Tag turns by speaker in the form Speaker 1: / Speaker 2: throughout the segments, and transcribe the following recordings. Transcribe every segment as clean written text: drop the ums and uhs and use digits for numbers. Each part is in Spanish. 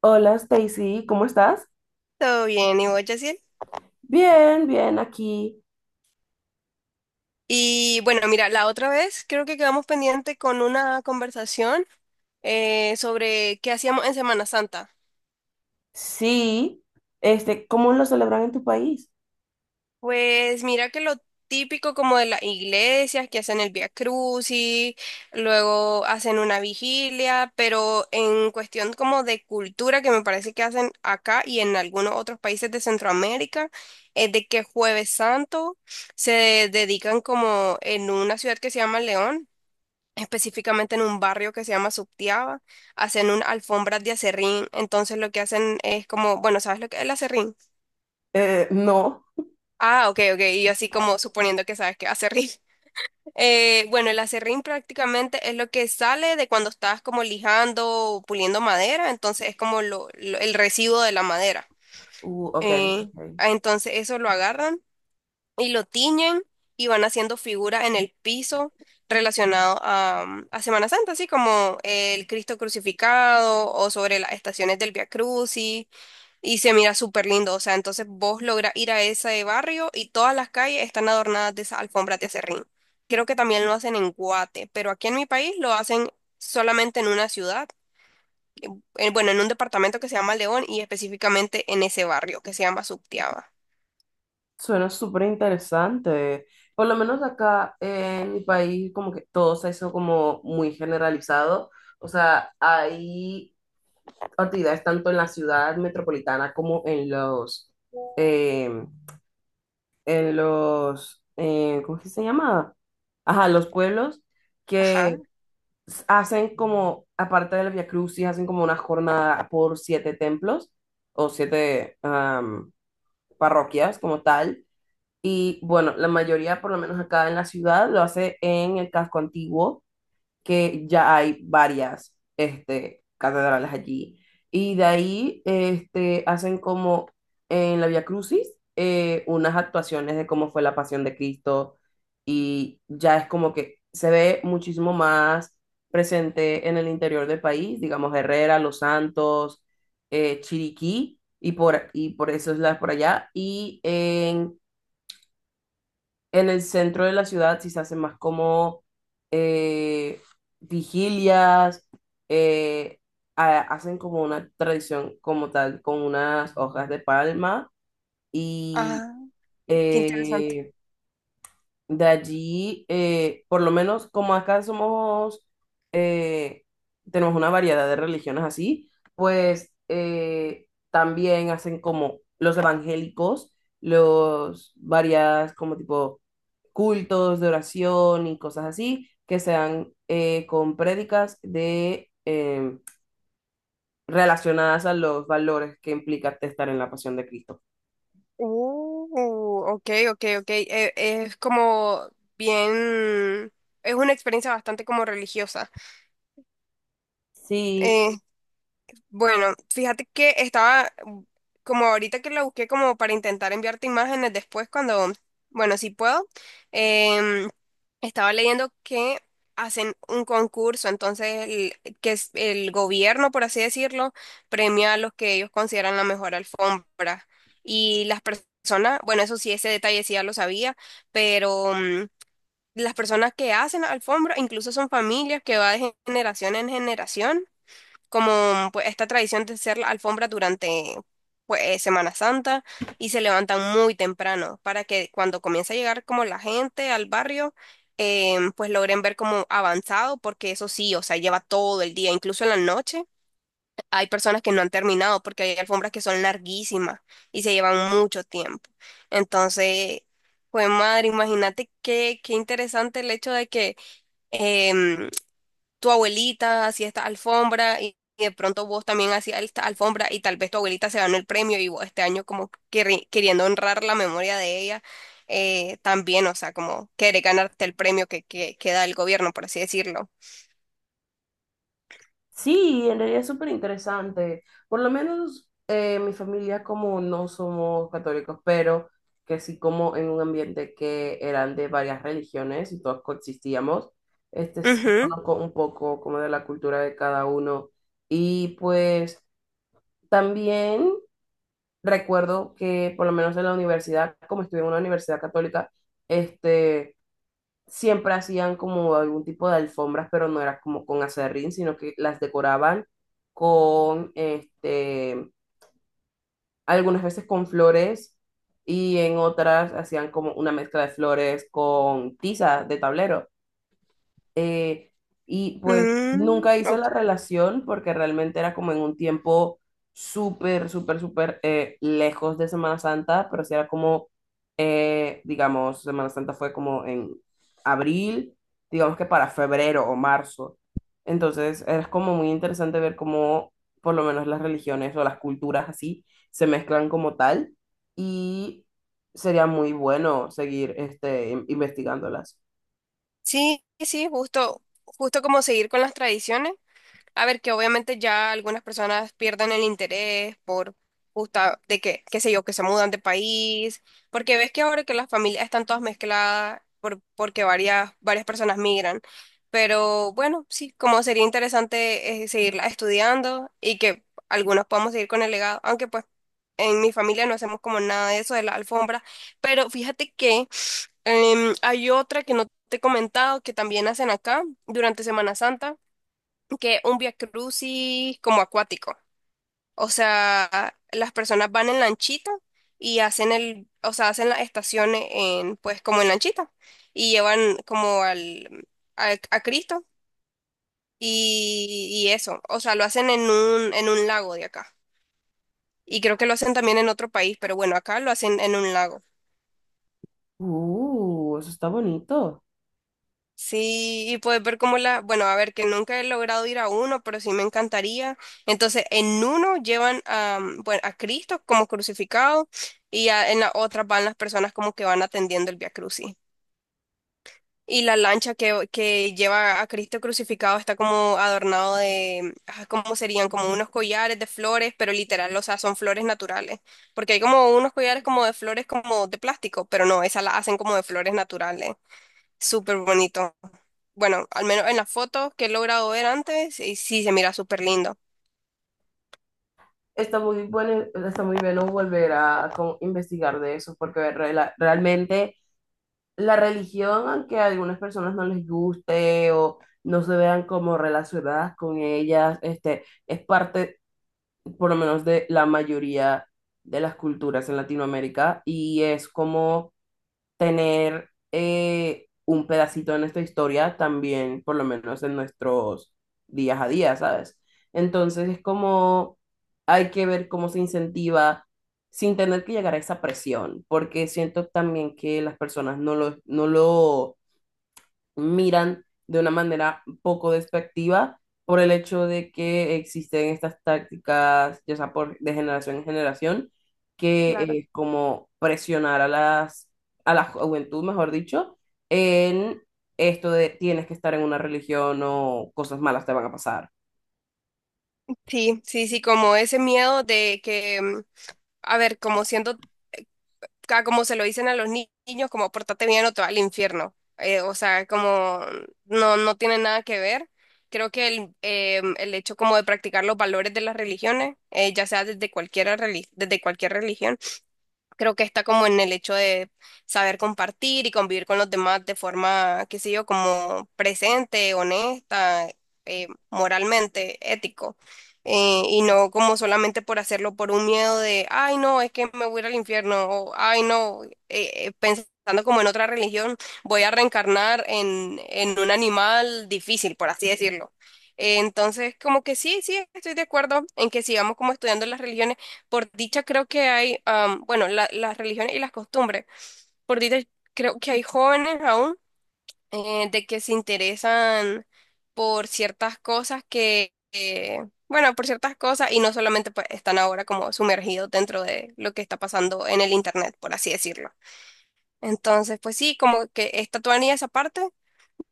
Speaker 1: Hola Stacy, ¿cómo estás?
Speaker 2: Todo bien, ¿y vos, Yaciel?
Speaker 1: Bien, aquí.
Speaker 2: Y bueno, mira, la otra vez creo que quedamos pendiente con una conversación sobre qué hacíamos en Semana Santa.
Speaker 1: Sí. Este, ¿cómo lo celebran en tu país?
Speaker 2: Pues mira que lo típico como de las iglesias que hacen el Vía Crucis, luego hacen una vigilia, pero en cuestión como de cultura que me parece que hacen acá y en algunos otros países de Centroamérica, es de que Jueves Santo se dedican como en una ciudad que se llama León, específicamente en un barrio que se llama Subtiaba. Hacen un alfombras de acerrín, entonces lo que hacen es como, bueno, ¿sabes lo que es el acerrín?
Speaker 1: No.
Speaker 2: Ah, ok, ok, y yo así como suponiendo que sabes que es acerrín. Bueno, el acerrín prácticamente es lo que sale de cuando estás como lijando o puliendo madera, entonces es como el residuo de la madera.
Speaker 1: Ok, ok.
Speaker 2: Entonces eso lo agarran y lo tiñen y van haciendo figuras en el piso relacionado a, a Semana Santa, así como el Cristo crucificado o sobre las estaciones del Via Crucis, y se mira súper lindo, o sea, entonces vos lográs ir a ese barrio y todas las calles están adornadas de esas alfombras de acerrín. Creo que también lo hacen en Guate, pero aquí en mi país lo hacen solamente en una ciudad, bueno, en un departamento que se llama León y específicamente en ese barrio que se llama Subtiaba.
Speaker 1: Suena súper interesante. Por lo menos acá en mi país, como que todo se hizo como muy generalizado. O sea, hay actividades tanto en la ciudad metropolitana como en eh, ¿cómo es que se llama? Ajá, los pueblos
Speaker 2: Ajá,
Speaker 1: que hacen como, aparte del Via Crucis, hacen como una jornada por siete templos o siete parroquias como tal. Y bueno, la mayoría, por lo menos acá en la ciudad, lo hace en el casco antiguo que ya hay varias este, catedrales allí. Y de ahí este, hacen como en la Vía Crucis unas actuaciones de cómo fue la pasión de Cristo y ya es como que se ve muchísimo más presente en el interior del país, digamos Herrera, Los Santos, Chiriquí y por eso es la por allá. Y en el centro de la ciudad sí se hacen más como eh, vigilias, eh, hacen como una tradición como tal, con unas hojas de palma y
Speaker 2: ajá, qué interesante.
Speaker 1: eh, de allí, por lo menos como acá somos, eh, tenemos una variedad de religiones así, pues también hacen como los evangélicos, los varias como tipo cultos de oración y cosas así que sean con prédicas relacionadas a los valores que implica estar en la pasión de Cristo.
Speaker 2: Ok, ok, ok. Es, como bien, es una experiencia bastante como religiosa.
Speaker 1: Sí,
Speaker 2: Eh, bueno, fíjate que estaba como ahorita que lo busqué como para intentar enviarte imágenes después cuando, bueno, si puedo, em, estaba leyendo que hacen un concurso, entonces que es el gobierno, por así decirlo, premia a los que ellos consideran la mejor alfombra y las personas, bueno, eso sí, ese detalle sí ya lo sabía, pero las personas que hacen la alfombra incluso son familias que va de generación en generación, como pues, esta tradición de hacer la alfombra durante, pues, Semana Santa, y se levantan muy temprano para que cuando comience a llegar como la gente al barrio, pues logren ver como avanzado, porque eso sí, o sea, lleva todo el día, incluso en la noche. Hay personas que no han terminado porque hay alfombras que son larguísimas y se llevan mucho tiempo. Entonces, pues madre, imagínate qué interesante el hecho de que... em, tu abuelita hacía esta alfombra y de pronto vos también hacías esta alfombra y tal vez tu abuelita se ganó el premio y vos este año como queriendo honrar la memoria de ella, también, o sea, como querer ganarte el premio que da el gobierno, por así decirlo.
Speaker 1: sí, en realidad es súper interesante. Por lo menos mi familia como no somos católicos, pero que sí como en un ambiente que eran de varias religiones y todos coexistíamos. Este sí
Speaker 2: Ujú.
Speaker 1: conozco un poco como de la cultura de cada uno. Y pues también recuerdo que por lo menos en la universidad, como estuve en una universidad católica, este, siempre hacían como algún tipo de alfombras, pero no era como con acerrín, sino que las decoraban con, este, algunas veces con flores y en otras hacían como una mezcla de flores con tiza de tablero. Eh, y pues
Speaker 2: Mm,
Speaker 1: nunca hice
Speaker 2: ok.
Speaker 1: la relación porque realmente era como en un tiempo súper, súper, súper lejos de Semana Santa, pero sí era como, digamos, Semana Santa fue como en abril, digamos que para febrero o marzo. Entonces es como muy interesante ver cómo por lo menos las religiones o las culturas así se mezclan como tal y sería muy bueno seguir este, investigándolas.
Speaker 2: Sí, sí, justo, justo como seguir con las tradiciones. A ver, que obviamente ya algunas personas pierden el interés por justa de que, qué sé yo, que se mudan de país, porque ves que ahora que las familias están todas mezcladas porque varias, varias personas migran. Pero bueno, sí, como sería interesante seguirla estudiando y que algunos podamos seguir con el legado, aunque pues en mi familia no hacemos como nada de eso de la alfombra. Pero fíjate que hay otra que no te he comentado que también hacen acá durante Semana Santa, que un Via Crucis como acuático. O sea, las personas van en lanchita y hacen el, o sea, hacen las estaciones en, pues, como en lanchita y llevan como al, a Cristo y eso. O sea, lo hacen en un lago de acá. Y creo que lo hacen también en otro país, pero bueno, acá lo hacen en un lago.
Speaker 1: Eso está bonito.
Speaker 2: Sí, y puedes ver cómo la, bueno, a ver, que nunca he logrado ir a uno, pero sí me encantaría. Entonces, en uno llevan a, bueno, a Cristo como crucificado y en la otra van las personas como que van atendiendo el Vía Crucis. Y la lancha que lleva a Cristo crucificado está como adornado de, ah, ¿cómo serían? Como unos collares de flores, pero literal, o sea, son flores naturales. Porque hay como unos collares como de flores como de plástico, pero no, esas las hacen como de flores naturales. Súper bonito. Bueno, al menos en las fotos que he logrado ver antes, y sí se mira súper lindo.
Speaker 1: Está muy bueno volver a como investigar de eso, porque realmente la religión, aunque a algunas personas no les guste o no se vean como relacionadas con ellas, este, es parte, por lo menos, de la mayoría de las culturas en Latinoamérica y es como tener un pedacito de nuestra historia también, por lo menos en nuestros días a día, ¿sabes? Entonces es como hay que ver cómo se incentiva sin tener que llegar a esa presión, porque siento también que las personas no lo miran de una manera poco despectiva por el hecho de que existen estas tácticas, ya sea por, de generación en generación,
Speaker 2: Claro.
Speaker 1: que es como presionar a a la juventud, mejor dicho, en esto de tienes que estar en una religión o cosas malas te van a pasar.
Speaker 2: Sí, sí, sí, como ese miedo de que, a ver, como siento como se lo dicen a los niños, como pórtate bien o te va al infierno. O sea, como no, no tiene nada que ver. Creo que el hecho como de practicar los valores de las religiones, ya sea desde cualquier religión. Creo que está como en el hecho de saber compartir y convivir con los demás de forma, qué sé yo, como presente, honesta, moralmente, ético. Y no como solamente por hacerlo por un miedo de, ay, no, es que me voy a ir al infierno, o ay, no, pensando como en otra religión, voy a reencarnar en un animal difícil, por así decirlo. Entonces, como que sí, sí, estoy de acuerdo en que sigamos como estudiando las religiones. Por dicha creo que hay, bueno, las religiones y las costumbres. Por dicha creo que hay jóvenes aún de que se interesan por ciertas cosas bueno, por ciertas cosas y no solamente pues, están ahora como sumergidos dentro de lo que está pasando en el internet, por así decirlo. Entonces, pues sí, como que está todavía esa parte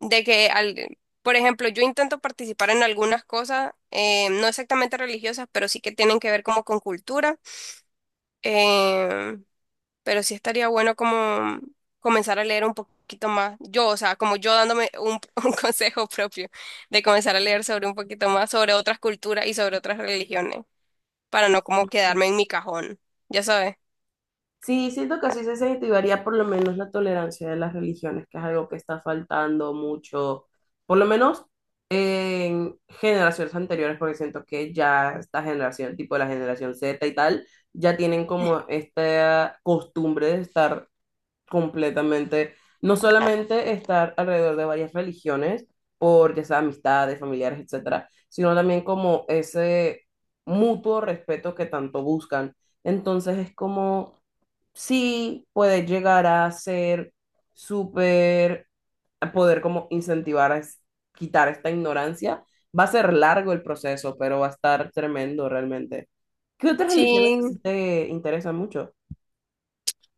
Speaker 2: de que, al, por ejemplo, yo intento participar en algunas cosas, no exactamente religiosas, pero sí que tienen que ver como con cultura. Em, pero sí estaría bueno como comenzar a leer un poquito más. Yo, o sea, como yo dándome un, un consejo propio de comenzar a leer sobre un poquito más, sobre otras culturas y sobre otras religiones, para no como quedarme en mi cajón, ya sabes.
Speaker 1: Sí, siento que así se incentivaría por lo menos la tolerancia de las religiones, que es algo que está faltando mucho, por lo menos en generaciones anteriores, porque siento que ya esta generación, tipo la generación Z y tal, ya tienen como esta costumbre de estar completamente, no solamente estar alrededor de varias religiones, por ya sea amistades, familiares, etcétera, sino también como ese mutuo respeto que tanto buscan. Entonces es como sí puede llegar a ser súper, a poder como incentivar a quitar esta ignorancia. Va a ser largo el proceso, pero va a estar tremendo realmente. ¿Qué otras religiones así
Speaker 2: Sí,
Speaker 1: te interesan mucho?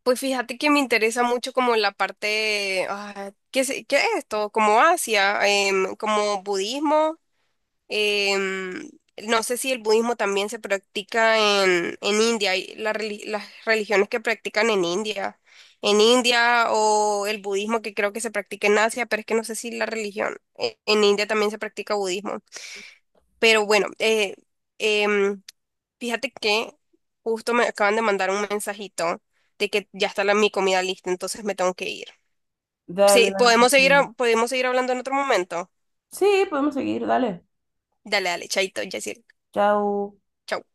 Speaker 2: pues fíjate que me interesa mucho como la parte, ah, ¿qué, qué es esto? Como Asia, como budismo. Em, no sé si el budismo también se practica en India, y las religiones que practican en India o el budismo que creo que se practica en Asia, pero es que no sé si la religión en India también se practica budismo. Pero bueno, em, fíjate que justo me acaban de mandar un mensajito de que ya está la, mi comida lista, entonces me tengo que ir.
Speaker 1: Dale,
Speaker 2: Sí,
Speaker 1: dale.
Speaker 2: podemos seguir,
Speaker 1: Cristina.
Speaker 2: podemos seguir hablando en otro momento.
Speaker 1: Sí, podemos seguir, dale.
Speaker 2: Dale, dale, chaito, Yaciel.
Speaker 1: Chao.
Speaker 2: Chau.